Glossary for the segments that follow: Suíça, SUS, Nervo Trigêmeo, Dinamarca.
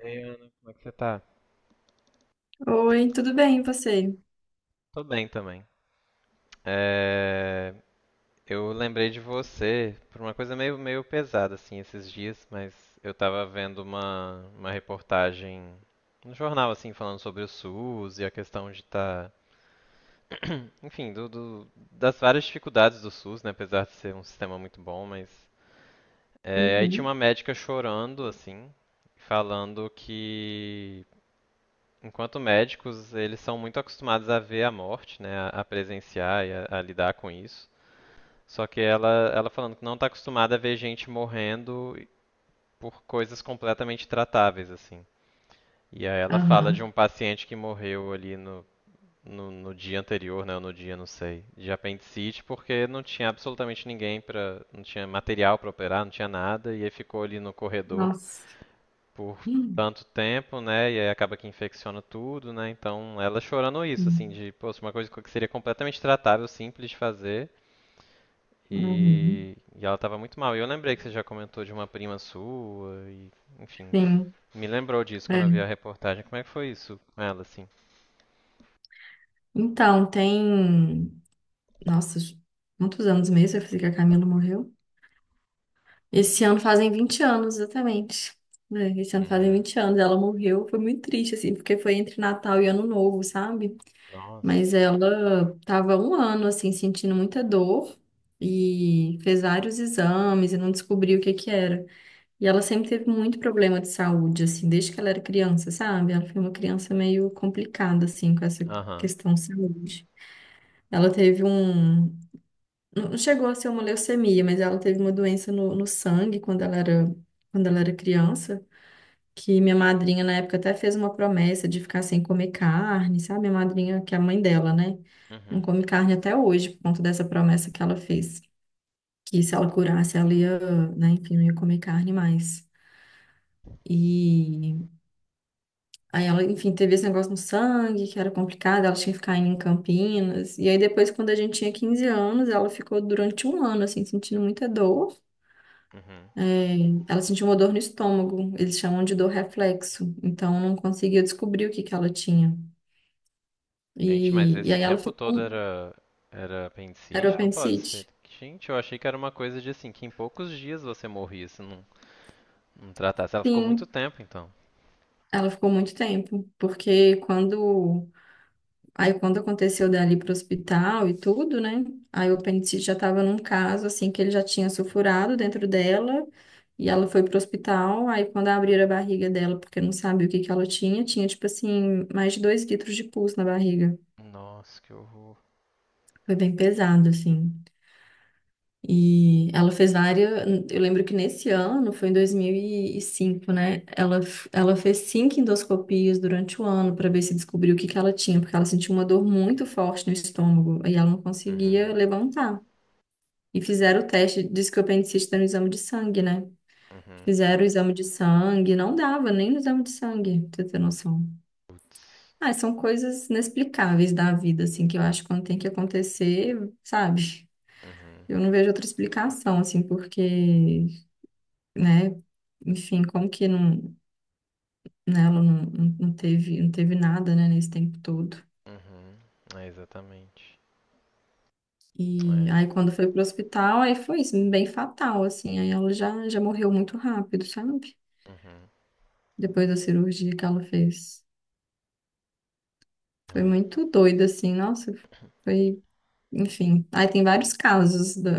Ei, Ana, como é que você tá? Oi, tudo bem, e você? Tô bem também. É, Eu lembrei de você por uma coisa meio pesada assim esses dias, mas eu tava vendo uma reportagem no jornal assim falando sobre o SUS e a questão de estar, enfim, das várias dificuldades do SUS, né, apesar de ser um sistema muito bom, mas é, aí tinha uma Uhum. médica chorando assim, falando que enquanto médicos, eles são muito acostumados a ver a morte, né, a presenciar e a lidar com isso. Só que ela falando que não está acostumada a ver gente morrendo por coisas completamente tratáveis, assim. E aí ela fala de Aham. um paciente que morreu ali no dia anterior, né, ou no dia, não sei, de apendicite, porque não tinha absolutamente ninguém para, não tinha material para operar, não tinha nada, e aí ficou ali no corredor Nossa. por Hum, tanto tempo, né? E aí acaba que infecciona tudo, né? Então ela chorando isso, assim, hum. de, poxa, uma coisa que seria completamente tratável, simples de fazer. Uhum. E ela tava muito mal. E eu lembrei que você já comentou de uma prima sua, e, enfim, Sim, me lembrou disso é. quando eu vi a reportagem. Como é que foi isso com ela, assim? Então, tem. Nossa, quantos anos mesmo vai fazer que a Camila morreu? Esse ano fazem 20 anos, exatamente. É, esse ano fazem Uhum. 20 anos. Ela morreu, foi muito triste, assim, porque foi entre Natal e Ano Novo, sabe? Mas Nossa. ela tava um ano, assim, sentindo muita dor e fez vários exames e não descobriu o que que era. E ela sempre teve muito problema de saúde, assim, desde que ela era criança, sabe? Ela foi uma criança meio complicada, assim, com essa Aham. questão de saúde. Ela teve um. Não chegou a ser uma leucemia, mas ela teve uma doença no sangue quando ela era criança. Que minha madrinha, na época, até fez uma promessa de ficar sem comer carne, sabe? Minha madrinha, que é a mãe dela, né? Não Uhum. come carne até hoje, por conta dessa promessa que ela fez. Que se ela curasse, ela ia, né, enfim, não ia comer carne mais. E. Aí ela, enfim, teve esse negócio no sangue, que era complicado, ela tinha que ficar indo em Campinas. E aí depois, quando a gente tinha 15 anos, ela ficou durante um ano, assim, sentindo muita dor. Uhum. É, ela sentiu uma dor no estômago, eles chamam de dor reflexo. Então, não conseguiu descobrir o que que ela tinha. Gente, mas E esse aí ela tempo todo ficou... era Era o apendicite? Não pode ser. apendicite? Gente, eu achei que era uma coisa de assim, que em poucos dias você morria, se não não tratasse. Ela ficou muito Sim, tempo, então. ela ficou muito tempo. Porque quando Aí quando aconteceu dali pro hospital e tudo, né? Aí o apendicite já tava num caso assim que ele já tinha sulfurado dentro dela e ela foi pro hospital. Aí quando abriram a barriga dela, porque não sabia o que que ela tinha, tinha tipo assim mais de 2 litros de pus na barriga. Nossa, que horror. Foi bem pesado assim. E ela fez várias. Eu lembro que nesse ano, foi em 2005, né? Ela fez cinco endoscopias durante o ano para ver se descobriu o que que ela tinha, porque ela sentiu uma dor muito forte no estômago e ela não conseguia Uhum, levantar. E fizeram o teste, disse que o apendicite está no exame de sangue, né? uhum, Fizeram o exame de sangue, não dava nem no exame de sangue, pra você ter noção. Ah, são coisas inexplicáveis da vida, assim, que eu acho que quando tem que acontecer, sabe? uhum, Eu não vejo outra explicação, assim, porque, né? Enfim, como que não, né, ela não teve, não teve nada, né, nesse tempo todo. uhum. É, exatamente. E É, aí quando foi pro hospital, aí foi isso, bem fatal, assim. Aí ela já morreu muito rápido, sabe? uhum, Depois da cirurgia que ela fez. Foi é, muito doido, assim, nossa, foi, enfim. Aí tem vários casos da,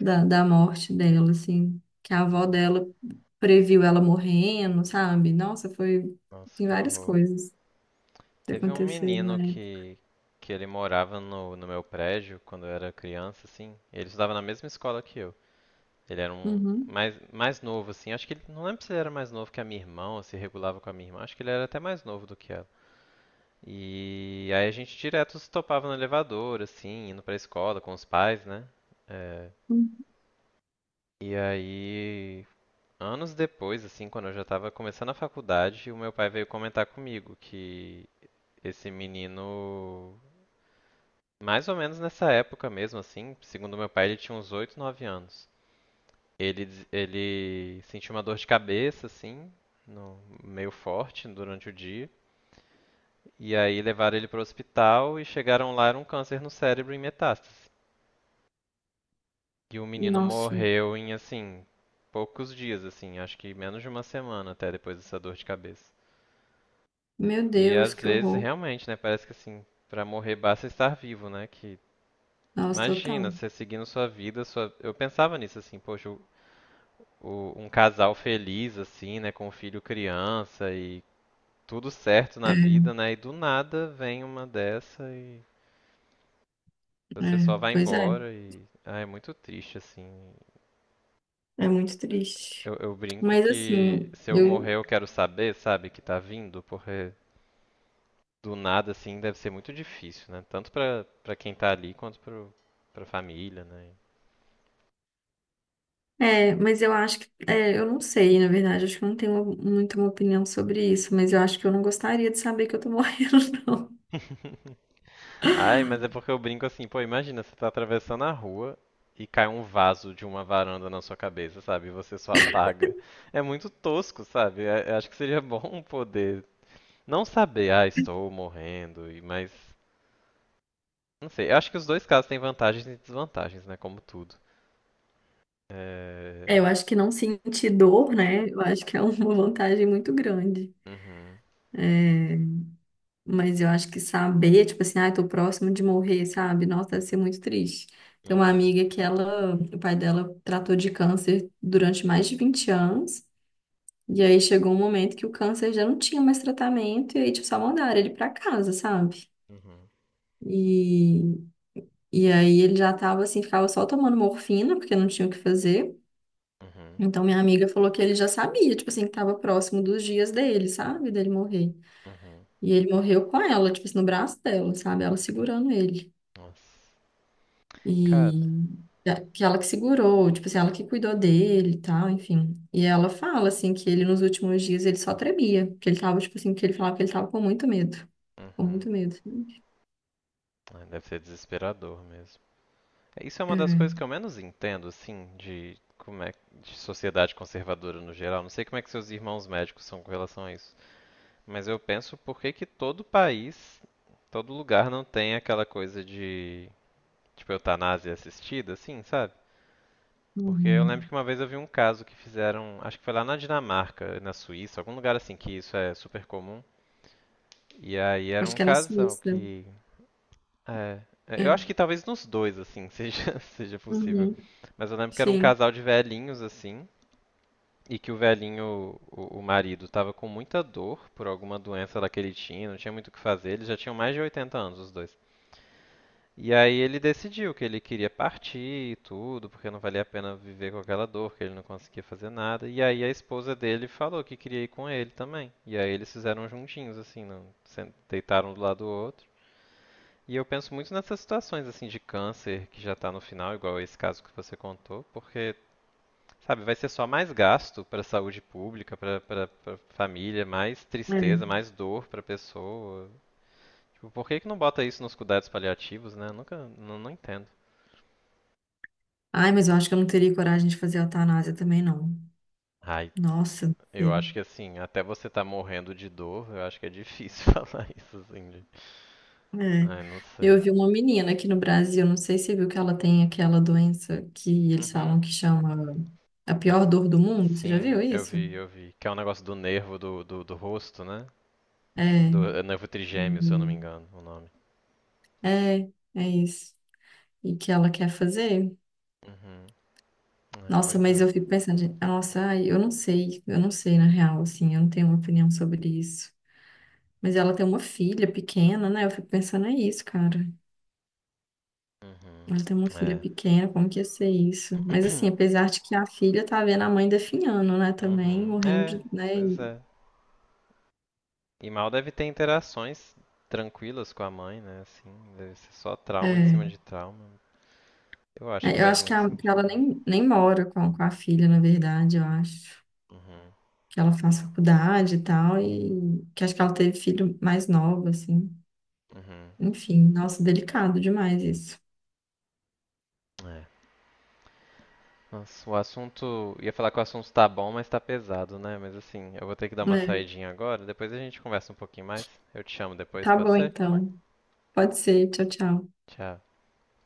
da, da morte dela, assim, que a avó uhum. dela previu ela morrendo, sabe? Nossa, foi, Nossa, tem que várias horror. coisas que Teve um aconteceram na menino época. Que ele morava no, no meu prédio quando eu era criança, assim. Ele estudava na mesma escola que eu. Ele era um mais novo, assim. Acho que ele. Não lembro se ele era mais novo que a minha irmã ou se regulava com a minha irmã. Acho que ele era até mais novo do que ela. E aí a gente direto se topava no elevador, assim, indo pra escola com os pais, né? É, Uhum. e aí, anos depois, assim, quando eu já tava começando a faculdade, o meu pai veio comentar comigo que esse menino, mais ou menos nessa época mesmo, assim, segundo meu pai, ele tinha uns 8, 9 anos. Ele sentiu uma dor de cabeça, assim, no- meio forte durante o dia. E aí levaram ele pro hospital e chegaram lá, era um câncer no cérebro em metástase. E o menino Nossa, morreu em, assim, poucos dias, assim, acho que menos de uma semana até depois dessa dor de cabeça. meu E Deus, às que vezes, horror. realmente, né, parece que assim, pra morrer basta estar vivo, né? Que Nossa, imagina, total. você seguindo sua vida, sua... eu pensava nisso assim, poxa, um casal feliz assim, né, com um filho criança e tudo certo na É, vida, né? E do nada vem uma dessa e você é, só vai pois é, embora e ah, é muito triste assim. é muito triste. Eu brinco Mas que assim, se eu morrer eu. eu quero saber, sabe, que tá vindo, porque do nada assim deve ser muito difícil, né? Tanto pra quem tá ali quanto pro, pra família, né? É, mas eu acho que. É, eu não sei, na verdade, acho que eu não tenho muito uma opinião sobre isso, mas eu acho que eu não gostaria de saber que eu tô morrendo, não. Ai, mas é porque eu brinco assim, pô, imagina, você tá atravessando a rua e cai um vaso de uma varanda na sua cabeça, sabe? E você só apaga. É muito tosco, sabe? É- eu acho que seria bom poder não saber, ah, estou morrendo, e mas não sei. Eu acho que os dois casos têm vantagens e desvantagens, né? Como tudo. É, É, eu acho que não sentir dor, né? Eu acho que é uma vantagem muito grande. uhum, É, mas eu acho que saber, tipo assim, ai, tô próximo de morrer, sabe? Nossa, deve ser muito triste. Tem uma uhum, amiga que ela, o pai dela tratou de câncer durante mais de 20 anos. E aí chegou um momento que o câncer já não tinha mais tratamento, e aí, tipo, só mandaram ele pra casa, sabe? uhum, E, e aí ele já tava assim, ficava só tomando morfina, porque não tinha o que fazer. uhum, Então minha amiga falou que ele já sabia, tipo assim, que tava próximo dos dias dele, sabe? Dele morrer. uhum. E ele morreu com ela, tipo assim, no braço dela, sabe? Ela segurando ele. Nossa. Cara, E que ela que segurou, tipo assim, ela que cuidou dele e tal, enfim. E ela fala, assim, que ele nos últimos dias ele só tremia, que ele tava, tipo assim, que ele falava que ele tava com muito medo, com uhum. muito medo. Ai, deve ser desesperador mesmo. É, isso é uma das coisas É. que eu menos entendo, assim, de como é de sociedade conservadora no geral. Não sei como é que seus irmãos médicos são com relação a isso, mas eu penso por que que todo país, todo lugar não tem aquela coisa de tipo eutanásia assistida, assim, sabe? Porque eu lembro que Uhum. uma vez eu vi um caso que fizeram, acho que foi lá na Dinamarca, na Suíça, algum lugar assim que isso é super comum. E aí era Acho um que é na casal Suíça. que. É. É, É. eu acho que talvez nos dois, assim, seja possível. Uhum. Mas eu lembro que era um Sim. casal de velhinhos, assim, e que o velhinho, o marido, tava com muita dor por alguma doença lá que ele tinha, não tinha muito o que fazer, eles já tinham mais de 80 anos, os dois. E aí ele decidiu que ele queria partir e tudo, porque não valia a pena viver com aquela dor, que ele não conseguia fazer nada. E aí a esposa dele falou que queria ir com ele também. E aí eles fizeram juntinhos, assim, deitaram um do lado do outro. E eu penso muito nessas situações assim de câncer que já está no final, igual esse caso que você contou, porque, sabe, vai ser só mais gasto para a saúde pública, para a família, mais É. tristeza, mais dor para a pessoa. Tipo, por que que não bota isso nos cuidados paliativos, né? Nunca, não entendo. Ai, mas eu acho que eu não teria coragem de fazer a eutanásia também, não. Ai, Nossa, não eu acho que sei. assim, até você tá morrendo de dor, eu acho que é difícil falar isso assim. De... É. Ai, não sei. Eu vi uma menina aqui no Brasil, não sei se você viu que ela tem aquela doença que eles Uhum. falam que chama a Ah, pior dor do mundo. Você já sim, viu isso? Eu vi. Que é um negócio do nervo do rosto, né? É. Do Noivo Trigêmeo, se eu não me Uhum. engano, o nome. É, é isso. E que ela quer fazer. Uhum. É, Nossa, pois mas é. eu fico pensando, gente, nossa, ai, eu não sei na real, assim, eu não tenho uma opinião sobre isso. Mas ela tem uma filha pequena, né? Eu fico pensando, é isso, cara. Uhum. Ela tem uma filha É. pequena, como que ia ser isso? Mas assim, apesar de que a filha tá vendo a mãe definhando, né, também, Uhum. morrendo É, de, né, pois é. E mal deve ter interações tranquilas com a mãe, né? Assim, deve ser só trauma em é. cima de trauma. Eu acho que É, eu faz acho que, muito que ela sentido. nem mora com a filha, na verdade, eu acho. Uhum. Que ela faz faculdade e tal, e que acho que ela teve filho mais novo, assim. Uhum. Enfim, nossa, delicado demais isso. É. Nossa, o assunto. Ia falar que o assunto tá bom, mas tá pesado, né? Mas assim, eu vou ter que dar uma É. saidinha agora. Depois a gente conversa um pouquinho mais. Eu te chamo depois, Tá pode bom, ser? então. Pode ser, tchau, tchau. Tchau.